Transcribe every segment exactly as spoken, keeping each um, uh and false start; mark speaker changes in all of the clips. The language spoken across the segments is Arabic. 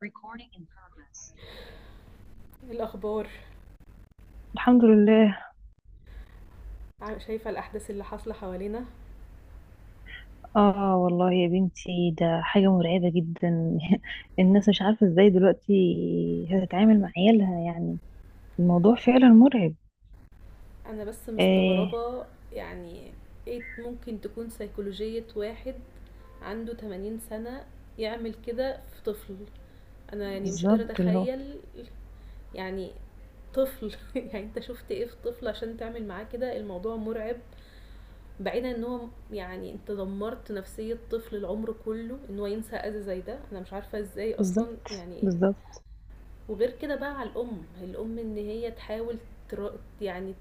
Speaker 1: Recording in progress.
Speaker 2: الأخبار.
Speaker 1: الحمد لله.
Speaker 2: ع- شايفة الأحداث اللي حاصلة حوالينا.
Speaker 1: اه والله يا بنتي ده حاجة مرعبة جدا. الناس مش عارفة ازاي دلوقتي هتتعامل مع عيالها يعني. الموضوع فعلا مرعب.
Speaker 2: أنا بس
Speaker 1: آه
Speaker 2: مستغربة، يعني ايه ممكن تكون سيكولوجية واحد عنده ثمانين سنة يعمل كده في طفل؟ أنا يعني مش قادرة
Speaker 1: بالظبط اللي هو.
Speaker 2: أتخيل، يعني طفل؟ يعني انت شفت ايه في طفل عشان تعمل معاه كده؟ الموضوع مرعب. بعيدا ان هو يعني انت دمرت نفسية طفل، العمر كله ان هو ينسى اذى زي ده، انا مش عارفة ازاي اصلا
Speaker 1: بالظبط.
Speaker 2: يعني.
Speaker 1: بالظبط
Speaker 2: وغير كده بقى على الأم، الأم إن هي تحاول، تر... يعني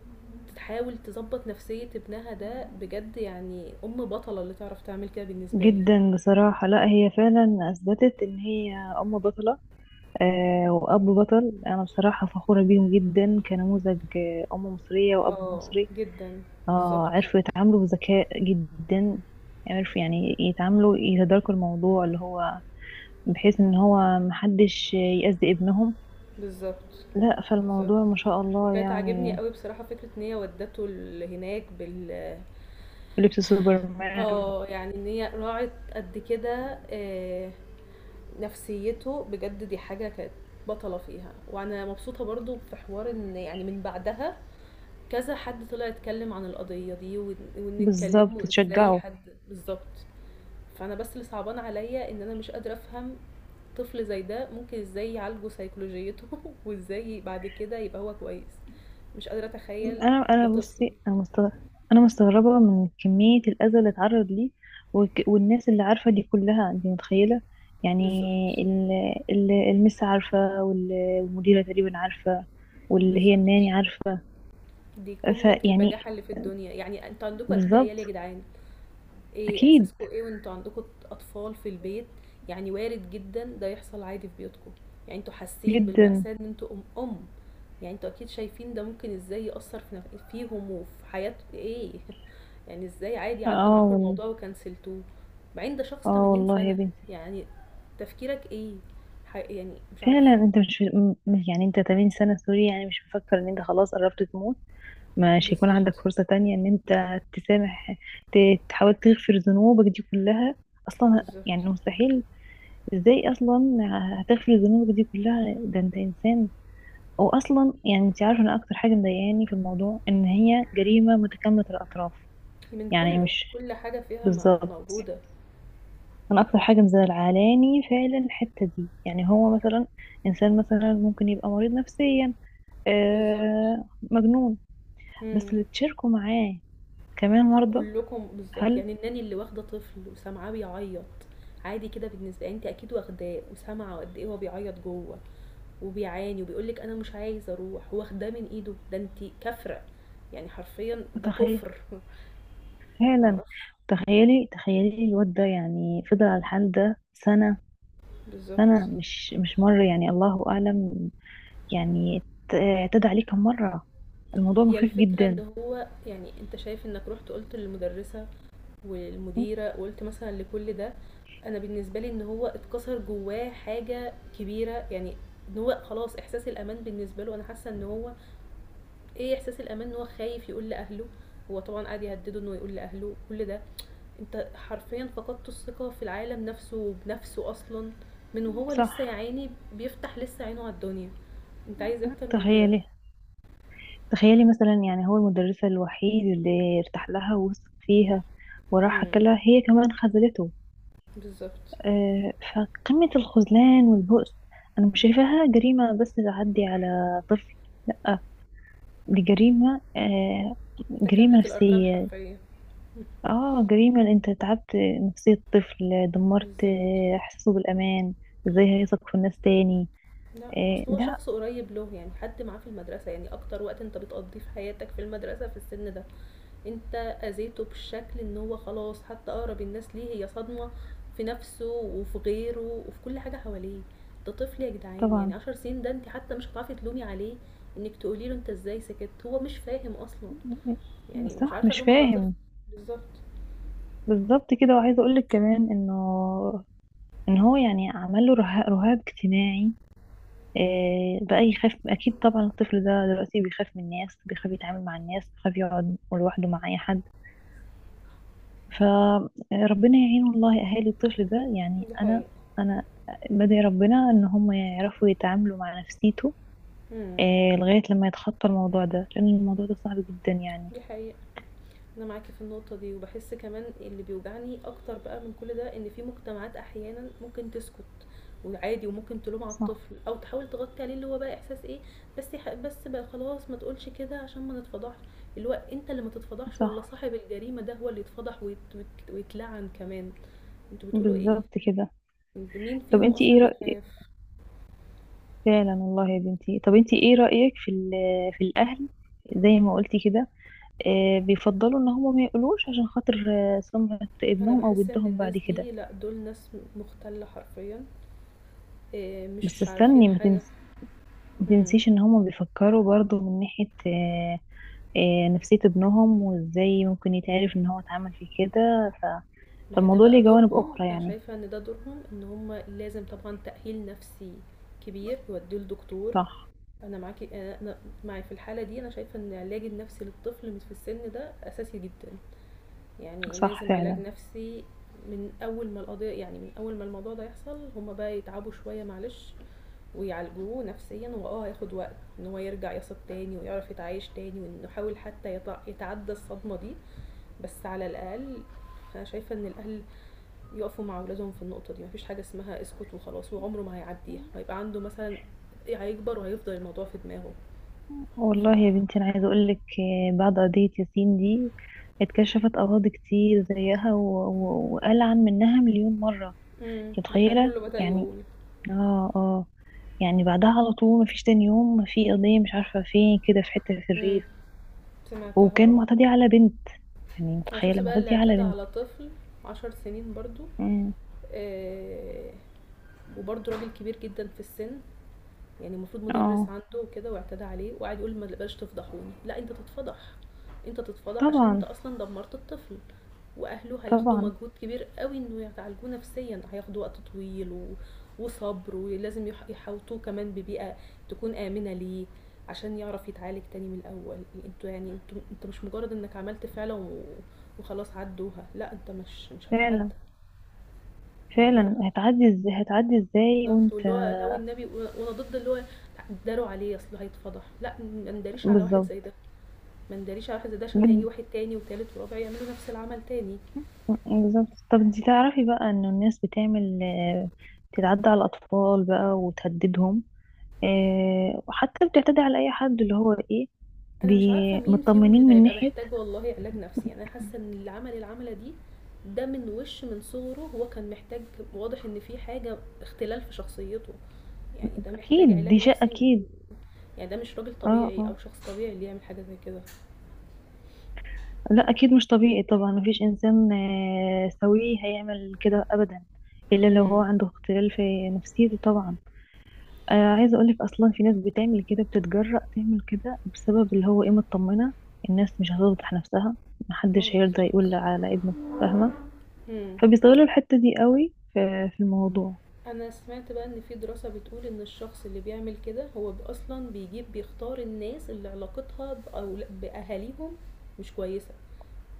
Speaker 2: تحاول تظبط نفسية ابنها ده بجد، يعني أم بطلة اللي تعرف تعمل كده بالنسبة لي.
Speaker 1: جدا بصراحة. لا هي فعلا أثبتت إن هي أم بطلة. آه وأب بطل، أنا بصراحة فخورة بيهم جدا كنموذج، آه، أم مصرية وأب
Speaker 2: اه
Speaker 1: مصري.
Speaker 2: جدا.
Speaker 1: اه
Speaker 2: بالظبط.
Speaker 1: عرفوا يتعاملوا بذكاء جدا. عرفوا يعني يتعاملوا، يتداركوا الموضوع اللي هو، بحيث ان هو محدش يأذي ابنهم.
Speaker 2: بالظبط.
Speaker 1: لا
Speaker 2: بالظبط.
Speaker 1: فالموضوع ما شاء الله
Speaker 2: وكانت عاجبني
Speaker 1: يعني.
Speaker 2: قوي بصراحة فكرة ان هي ودته ال- هناك بال،
Speaker 1: لبس سوبرمان.
Speaker 2: اه، يعني ان هي راعت قد كده، آه، نفسيته بجد، دي حاجة كانت بطلة فيها. وانا مبسوطة برضو في حوار ان يعني من بعدها كذا حد طلع اتكلم عن القضية دي، وإن وإن
Speaker 1: بالظبط
Speaker 2: اتكلموا ازاي
Speaker 1: تشجعه.
Speaker 2: حد بالظبط. فأنا بس اللي صعبان عليا إن أنا مش قادرة أفهم طفل زي ده ممكن ازاي يعالجوا سيكولوجيته، وازاي بعد كده يبقى هو كويس؟ مش قادرة أتخيل،
Speaker 1: انا انا
Speaker 2: ده طفل.
Speaker 1: بصي انا مستغربة. انا مستغربة من كمية الأذى اللي اتعرض ليه، وك- والناس اللي عارفة دي كلها، انت متخيلة يعني.
Speaker 2: بالظبط.
Speaker 1: ال- ال- المس عارفة وال- والمديرة تقريبا عارفة، واللي هي
Speaker 2: بالظبط.
Speaker 1: الناني عارفة.
Speaker 2: دي قمة
Speaker 1: فيعني
Speaker 2: البجاحة اللي في الدنيا. يعني انتوا عندكم أكيد عيال يا
Speaker 1: بالظبط.
Speaker 2: جدعان، إيه
Speaker 1: اكيد
Speaker 2: إحساسكم إيه وأنتوا عندكم أطفال في البيت؟ يعني وارد جدًا ده يحصل عادي في بيوتكم، يعني أنتوا حاسين
Speaker 1: جدا.
Speaker 2: بالمأساة إن أنتوا أم أم، يعني أنتوا أكيد شايفين ده ممكن إزاي يأثّر في نف فيهم وفي حياة إيه، يعني إزاي عادي
Speaker 1: اه
Speaker 2: عدّى معاكم
Speaker 1: وال-
Speaker 2: الموضوع وكنسلتوه؟ بعدين ده شخص
Speaker 1: اه
Speaker 2: ثمانين
Speaker 1: والله يا
Speaker 2: سنة،
Speaker 1: بنتي.
Speaker 2: يعني تفكيرك إيه؟ ح يعني مش
Speaker 1: فعلا
Speaker 2: عارفة،
Speaker 1: انت مش م- يعني انت ثمانين سنة سوري، يعني مش مفكر ان انت خلاص قربت تموت، مش هيكون عندك
Speaker 2: بالضبط،
Speaker 1: فرصة تانية ان انت تسامح، ت- تحاول تغفر ذنوبك دي كلها. اصلا يعني
Speaker 2: بالضبط،
Speaker 1: مستحيل. ازاي اصلا هتغفر ذنوبك دي كلها، ده انت انسان. او اصلا يعني انت عارفة، انا اكتر حاجة مضايقاني في الموضوع ان هي جريمة متكاملة الاطراف.
Speaker 2: من
Speaker 1: يعني
Speaker 2: كلّه،
Speaker 1: مش.
Speaker 2: كل حاجة فيها م
Speaker 1: بالظبط.
Speaker 2: موجودة،
Speaker 1: انا اكتر حاجه مزعلاني فعلا الحته دي. يعني هو مثلا انسان مثلا ممكن يبقى مريض نفسيا،
Speaker 2: بالضبط.
Speaker 1: آه مجنون، بس
Speaker 2: إمم.
Speaker 1: اللي تشاركوا معاه كمان مرضى.
Speaker 2: كلكم بالضبط،
Speaker 1: هل.
Speaker 2: يعني الناني اللي واخدة طفل وسامعاه بيعيط عادي كده؟ بالنسبة أنتِ أكيد واخداه وسامعة قد إيه هو بيعيط جوه، وبيعاني وبيقول لِك أنا مش عايز أروح، واخداه من إيده، ده أنتِ كافرة، يعني حرفيًا ده
Speaker 1: تخيل
Speaker 2: كفر. ما
Speaker 1: فعلا.
Speaker 2: أعرفش.
Speaker 1: تخيلي تخيلي الواد ده يعني فضل على الحال ده سنه. سنه
Speaker 2: بالضبط.
Speaker 1: مش مش مره، يعني الله اعلم يعني، ت- اعتدى عليه كم مره. الموضوع
Speaker 2: هي
Speaker 1: مخيف
Speaker 2: الفكرة
Speaker 1: جدا.
Speaker 2: إن هو يعني أنت شايف إنك رُحت قُلت للمدرسة والمديرة وقُلت مثلًا لكل ده، أنا بالنسبة لي إن هو اتكسر جواه حاجة كبيرة، يعني إن هو خلاص إحساس الأمان بالنسبة له، أنا حاسة إن هو إيه، إحساس الأمان إن هو خايف يقول لأهله، هو طبعًا قعد يهدده إنه يقول لأهله كل ده، أنت حرفيًا فقدت الثقة في العالم نفسه وبنفسه أصلًا، من وهو لسه يا
Speaker 1: صح.
Speaker 2: عيني بيفتح لسه عينه على الدنيا، أنت عايز إيه أكتر من كده؟
Speaker 1: تخيلي تخيلي مثلا، يعني هو المدرسة الوحيد اللي ارتاح لها ووثق فيها وراح
Speaker 2: إمم.
Speaker 1: لها، هي كمان خذلته.
Speaker 2: بالضبط.
Speaker 1: آه، فقمة الخذلان والبؤس. أنا مش شايفاها جريمة بس تعدي على طفل، لأ دي جريمة، آه، جريمة
Speaker 2: تكاملة الأركان
Speaker 1: نفسية.
Speaker 2: حرفيًا.
Speaker 1: اه جريمة إن انت تعبت نفسية طفل، دمرت
Speaker 2: بالضبط.
Speaker 1: آه، إحساسه بالأمان. ازاي هيثق في الناس تاني؟
Speaker 2: لأ
Speaker 1: آه،
Speaker 2: أصل هو
Speaker 1: لا.
Speaker 2: شخص قريب له، يعني حد معاه في المدرسة، يعني أكتر وقت أنت بتقضيه في حياتك في المدرسة في السن ده. أنت أذيته بالشكل إن هو خلاص حتى أقرب الناس ليه هي صدمة في نفسه وفي غيره وفي كل حاجة حواليه. ده طفل يا جدعان، يعني
Speaker 1: طبعا.
Speaker 2: عشر سنين، ده انت حتى مش هتعرفي تلومي عليه انك تقولي له انت ازاي سكت، هو مش فاهم اصلا. يعني مش
Speaker 1: صح
Speaker 2: عارفة
Speaker 1: مش
Speaker 2: الوم على طفل.
Speaker 1: فاهم.
Speaker 2: بالظبط.
Speaker 1: بالظبط كده. وعايزة أقولك كمان إنه ان هو يعني عمل له رها- رهاب اجتماعي. آه، بقى يخاف، اكيد طبعا الطفل ده دلوقتي بيخاف من الناس، بيخاف يتعامل مع الناس، بيخاف يقعد لوحده مع اي حد. فربنا يعين والله اهالي الطفل ده يعني.
Speaker 2: دي
Speaker 1: انا
Speaker 2: حقيقة.
Speaker 1: انا بدعي ربنا ان هم يعرفوا يتعاملوا مع نفسيته،
Speaker 2: امم.
Speaker 1: آه، لغاية لما يتخطى الموضوع ده، لان الموضوع ده صعب جدا يعني.
Speaker 2: دي حقيقة. أنا معاكِ في النقطة دي، وباحس كمان اللي بيوجعني أكتر بقى من كل ده إن في مجتمعات أحيانًا ممكن تسكت وعادي، وممكن تلوم على
Speaker 1: صح.
Speaker 2: الطفل أو تحاول تغطي عليه، اللي هو بقى إحساس إيه، بس يح بس بقى خلاص ما تقولش كده عشان ما نتفضحش، اللي هو أنت اللي ما تتفضحش والّا
Speaker 1: صح.
Speaker 2: صاحب الجريمة ده هو اللي يتفضح ويت ويت ويتلعن كمان، أنتم بتقولوا إيه؟
Speaker 1: بالظبط كده.
Speaker 2: أنتم مين
Speaker 1: طب
Speaker 2: فيهم
Speaker 1: انتي
Speaker 2: أصلًا
Speaker 1: ايه
Speaker 2: اللي
Speaker 1: رأيك.
Speaker 2: يخاف؟
Speaker 1: فعلا والله يا بنتي، طب انتي ايه رأيك في ال- في الاهل، زي ما قلتي كده، آه، بيفضلوا ان هم ما يقولوش عشان خاطر آه، سمعة
Speaker 2: أنا
Speaker 1: ابنهم او
Speaker 2: باحس إن
Speaker 1: بنتهم بعد
Speaker 2: الناس
Speaker 1: كده.
Speaker 2: دي لأ، دول ناس مُختلة حرفيًا، آآ
Speaker 1: بس
Speaker 2: مش عارفين
Speaker 1: استني ما
Speaker 2: حاجة.
Speaker 1: تنس- ما
Speaker 2: إمم.
Speaker 1: تنسيش ان هم بيفكروا برضو من ناحية، آه، آه، نفسية ابنهم وازاي ممكن يتعرف ان هو اتعمل في كده ف...
Speaker 2: ما هي ده
Speaker 1: فالموضوع
Speaker 2: بقى
Speaker 1: ليه جوانب
Speaker 2: دورهم،
Speaker 1: اخرى
Speaker 2: انا
Speaker 1: يعني.
Speaker 2: شايفه ان ده دورهم، ان هم لازم طبعا تاهيل نفسي كبير يوديه لدكتور.
Speaker 1: صح.
Speaker 2: انا معاكي، انا أنا معي في الحاله دي، انا شايفه ان العلاج النفسي للطفل في السن ده اساسي جدا، يعني
Speaker 1: صح.
Speaker 2: لازم علاج
Speaker 1: فعلا
Speaker 2: نفسي من اول ما القضيه، يعني من اول ما الموضوع ده يحصل هما بقى يتعبوا شويه معلش ويعالجوه نفسيا، واه هياخد وقت ان هو يرجع يثق تاني ويعرف يتعايش تاني وانه يحاول حتى يتع- يتعدى الصدمه دي، بس على الاقل انا شايفه ان الاهل يقفوا مع اولادهم في النقطه دي. مفيش حاجه اسمها اسكت وخلاص وعمره ما هيعديها، هيبقى عنده مثلا إيه، هيكبر وهيفضل الموضوع في دماغه. ف
Speaker 1: والله يا بنتي انا عايزة اقولك، آه، بعد قضية ياسين دي اتكشفت اراضي كتير زيها، و- و- وقال عن منها مليون مرة.
Speaker 2: امم
Speaker 1: انت
Speaker 2: دي حاجه
Speaker 1: متخيلة
Speaker 2: كله بدا
Speaker 1: يعني.
Speaker 2: يقول.
Speaker 1: اه اه يعني بعدها على طول مفيش تاني يوم في قضية، مش عارفة فين كده في حتة في
Speaker 2: امم.
Speaker 1: الريف،
Speaker 2: سمعتها
Speaker 1: وكان
Speaker 2: اه.
Speaker 1: معتدي على بنت، يعني
Speaker 2: انا شفت
Speaker 1: متخيلة
Speaker 2: بقى اللي
Speaker 1: معتدي على
Speaker 2: اعتدى
Speaker 1: بنت.
Speaker 2: على طفل عشر سنين برضو،
Speaker 1: امم.
Speaker 2: آه، وبرضو راجل كبير جدا في السن، يعني المفروض مدرس
Speaker 1: اه.
Speaker 2: عنده كده واعتدى عليه وقعد يقول ما بلاش تفضحوني. لا انت تتفضح، انت تتفضح عشان انت
Speaker 1: طبعا.
Speaker 2: اصلا دمرت الطفل. واهله هياخدوا
Speaker 1: طبعا.
Speaker 2: مجهود كبير قوي انه يعالجوه نفسيا، هياخدوا وقت طويل و... وصبر، ولازم يح- يحوطوه كمان ببيئة تكون آمنة ليه عشان يعرف يتعالج تاني من الأول. انتوا يعني انتوا انت مش مجرد انك عملت فعلة و... وخلاص عدوها، لا انت مش مش هتعدى.
Speaker 1: فعلا.
Speaker 2: ده
Speaker 1: فعلا
Speaker 2: رأيي.
Speaker 1: هتعدي ازاي، هتعدي ازاي
Speaker 2: بالضبط،
Speaker 1: وانت.
Speaker 2: واللي هو لو النبي وأنا ضد اللي هو اتداروا عليه أصله هيتفضح، لأ ما نداريش على واحد زي
Speaker 1: بالظبط.
Speaker 2: ده، ما نداريش على واحد زي ده عشان هييجي
Speaker 1: جد-
Speaker 2: واحد تاني وتالت ورابع يعملوا نفس العمل تاني.
Speaker 1: بالظبط. طب دي تعرفي بقى انه الناس بتعمل، آه، بتتعدى على الاطفال بقى وتهددهم، آه، وحتى بتعتدي على اي حد اللي هو ايه،
Speaker 2: أنا مش عارفة
Speaker 1: بي-
Speaker 2: مين فيهم
Speaker 1: مطمنين
Speaker 2: اللي
Speaker 1: من
Speaker 2: هيبقى
Speaker 1: ناحية.
Speaker 2: محتاج والله علاج نفسي، يعني أنا حاسة إن اللي عمل العملة دي ده من وش من صغره هو كان محتاج. واضح إن في حاجة اختلال في شخصيته، يعني ده محتاج
Speaker 1: اكيد
Speaker 2: علاج
Speaker 1: دي شيء
Speaker 2: نفسي،
Speaker 1: اكيد.
Speaker 2: يعني ده مش راجل
Speaker 1: اه
Speaker 2: طبيعي
Speaker 1: اه
Speaker 2: أو شخص طبيعي اللي يعمل حاجة زي كده.
Speaker 1: لا اكيد مش طبيعي طبعا، مفيش انسان آه، سوي هيعمل كده ابدا، الا لو هو
Speaker 2: إمم.
Speaker 1: عنده اختلال في نفسيته طبعا. آه عايزه اقولك اصلا في ناس بتعمل كده، بتتجرأ تعمل كده بسبب اللي هو ايه، مطمنه الناس مش هتفضح نفسها،
Speaker 2: ما هو
Speaker 1: محدش هيرضى يقول
Speaker 2: بالضبط.
Speaker 1: على ابنه، فاهمه؟
Speaker 2: إمم.
Speaker 1: فبيستغلوا الحته دي قوي في في الموضوع.
Speaker 2: انا سمعت بقى ان في دراسة بتقول ان الشخص اللي بيعمل كده هو ب- اصلا بيجيب بيختار الناس اللي علاقتها بأول... باهاليهم مش كويسة،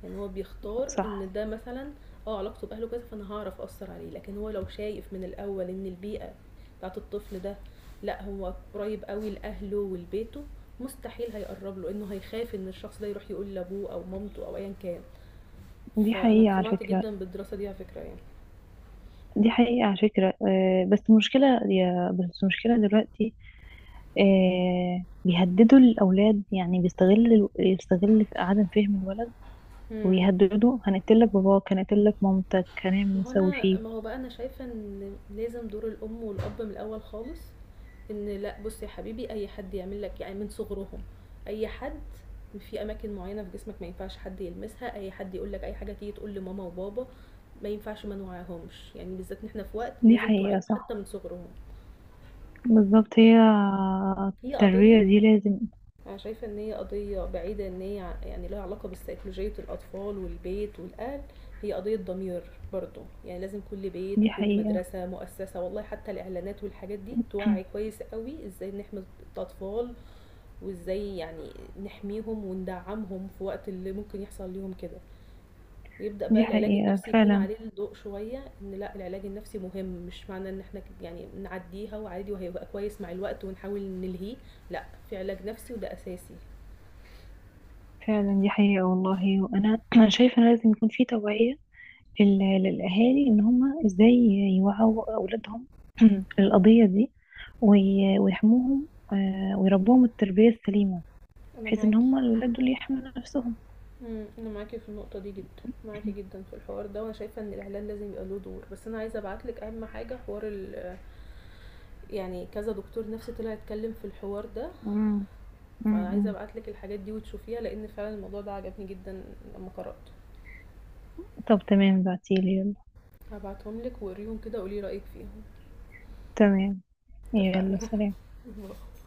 Speaker 2: يعني هو بيختار
Speaker 1: صح.
Speaker 2: ان ده مثلا اه علاقته باهله كويسة فانا هعرف اثر عليه، لكن هو لو شايف من الاول ان البيئة بتاعت الطفل ده لا هو قريب قوي لاهله ولبيته، مستحيل هيقرب له، انه هيخاف ان الشخص ده يروح يقول لابوه او مامته او ايا كان.
Speaker 1: دي
Speaker 2: فانا
Speaker 1: حقيقه على
Speaker 2: اقتنعت
Speaker 1: فكره.
Speaker 2: جدا بالدراسة دي على فكرة يعني.
Speaker 1: دي حقيقه على فكره. آه بس المشكله يا بس المشكله دلوقتي، آه، بيهددوا الأولاد، يعني بيستغل الو- يستغل في عدم فهم الولد،
Speaker 2: مم.
Speaker 1: ويهددوا هنقتلك باباك، هنقتلك مامتك، هنعمل
Speaker 2: ما هو
Speaker 1: ونسوي
Speaker 2: انا
Speaker 1: فيه.
Speaker 2: ما هو بقى انا شايفة ان لازم دور الام والاب من الاول خالص، ان لا بص يا حبيبي اي حد يعمل لك يعني من صغرهم، اي حد في اماكن معينة في جسمك ما ينفعش حد يلمسها، اي حد يقول لك اي حاجة تيجي تقول لماما وبابا. ما ينفعش ما نوعيهمش، يعني بالذات ان احنا في وقت
Speaker 1: دي
Speaker 2: لازم توعيهم
Speaker 1: حقيقة
Speaker 2: حتى
Speaker 1: صح.
Speaker 2: من صغرهم.
Speaker 1: بالظبط، هي
Speaker 2: هي قضية،
Speaker 1: التربية دي لازم.
Speaker 2: أنا شايفة إن هي قضية بعيدة إن هي ع- يعني لها علاقة بسيكولوجية الأطفال والبيت والأهل، هي قضية ضمير برضو، يعني لازم كل بيت
Speaker 1: دي
Speaker 2: وكل
Speaker 1: حقيقة.
Speaker 2: مدرسة مؤسسة والله حتى الإعلانات والحاجات دي توعي كويس قوي إزاي نحمي الأطفال، وإزاي يعني نحميهم وندعمهم في وقت اللي ممكن يحصل ليهم كده، ويبدأ بقى
Speaker 1: دي
Speaker 2: العلاج
Speaker 1: حقيقة
Speaker 2: النفسي يكون
Speaker 1: فعلا.
Speaker 2: عليه الضوء شوية. إن لأ، العلاج النفسي مهم، مش معنى إن إحنا ك- يعني نعديها وعادي وهيبقى كويس مع الوقت ونحاول نلهيه، لأ، في علاج نفسي وده أساسي.
Speaker 1: فعلا دي حقيقة والله. وأنا أنا شايفة إن لازم يكون في توعية لل- للأهالي، إن هما إزاي يوعوا أولادهم، القضية دي وي- ويحموهم آه، ويربوهم التربية السليمة،
Speaker 2: انا
Speaker 1: بحيث ان
Speaker 2: معاكي.
Speaker 1: هم الولاد دول يحموا نفسهم.
Speaker 2: مم، انا معاكي في النقطه دي جدا، معاكي جدا في الحوار ده، وانا شايفه ان الاعلان لازم يبقى له دور. بس انا عايزه ابعتلك اهم حاجه، حوار ال، يعني كذا دكتور نفسي طلع يتكلم في الحوار ده،
Speaker 1: مم. مم.
Speaker 2: فعايزه
Speaker 1: مم.
Speaker 2: ابعتلك الحاجات دي وتشوفيها لان فعلا الموضوع ده عجبني جدا لما قراته.
Speaker 1: طب تمام، بعتيلي يلا.
Speaker 2: هبعتهم لك وقريهم كده وقولي رايك فيهم.
Speaker 1: تمام. يلا
Speaker 2: اتفقنا.
Speaker 1: سلام.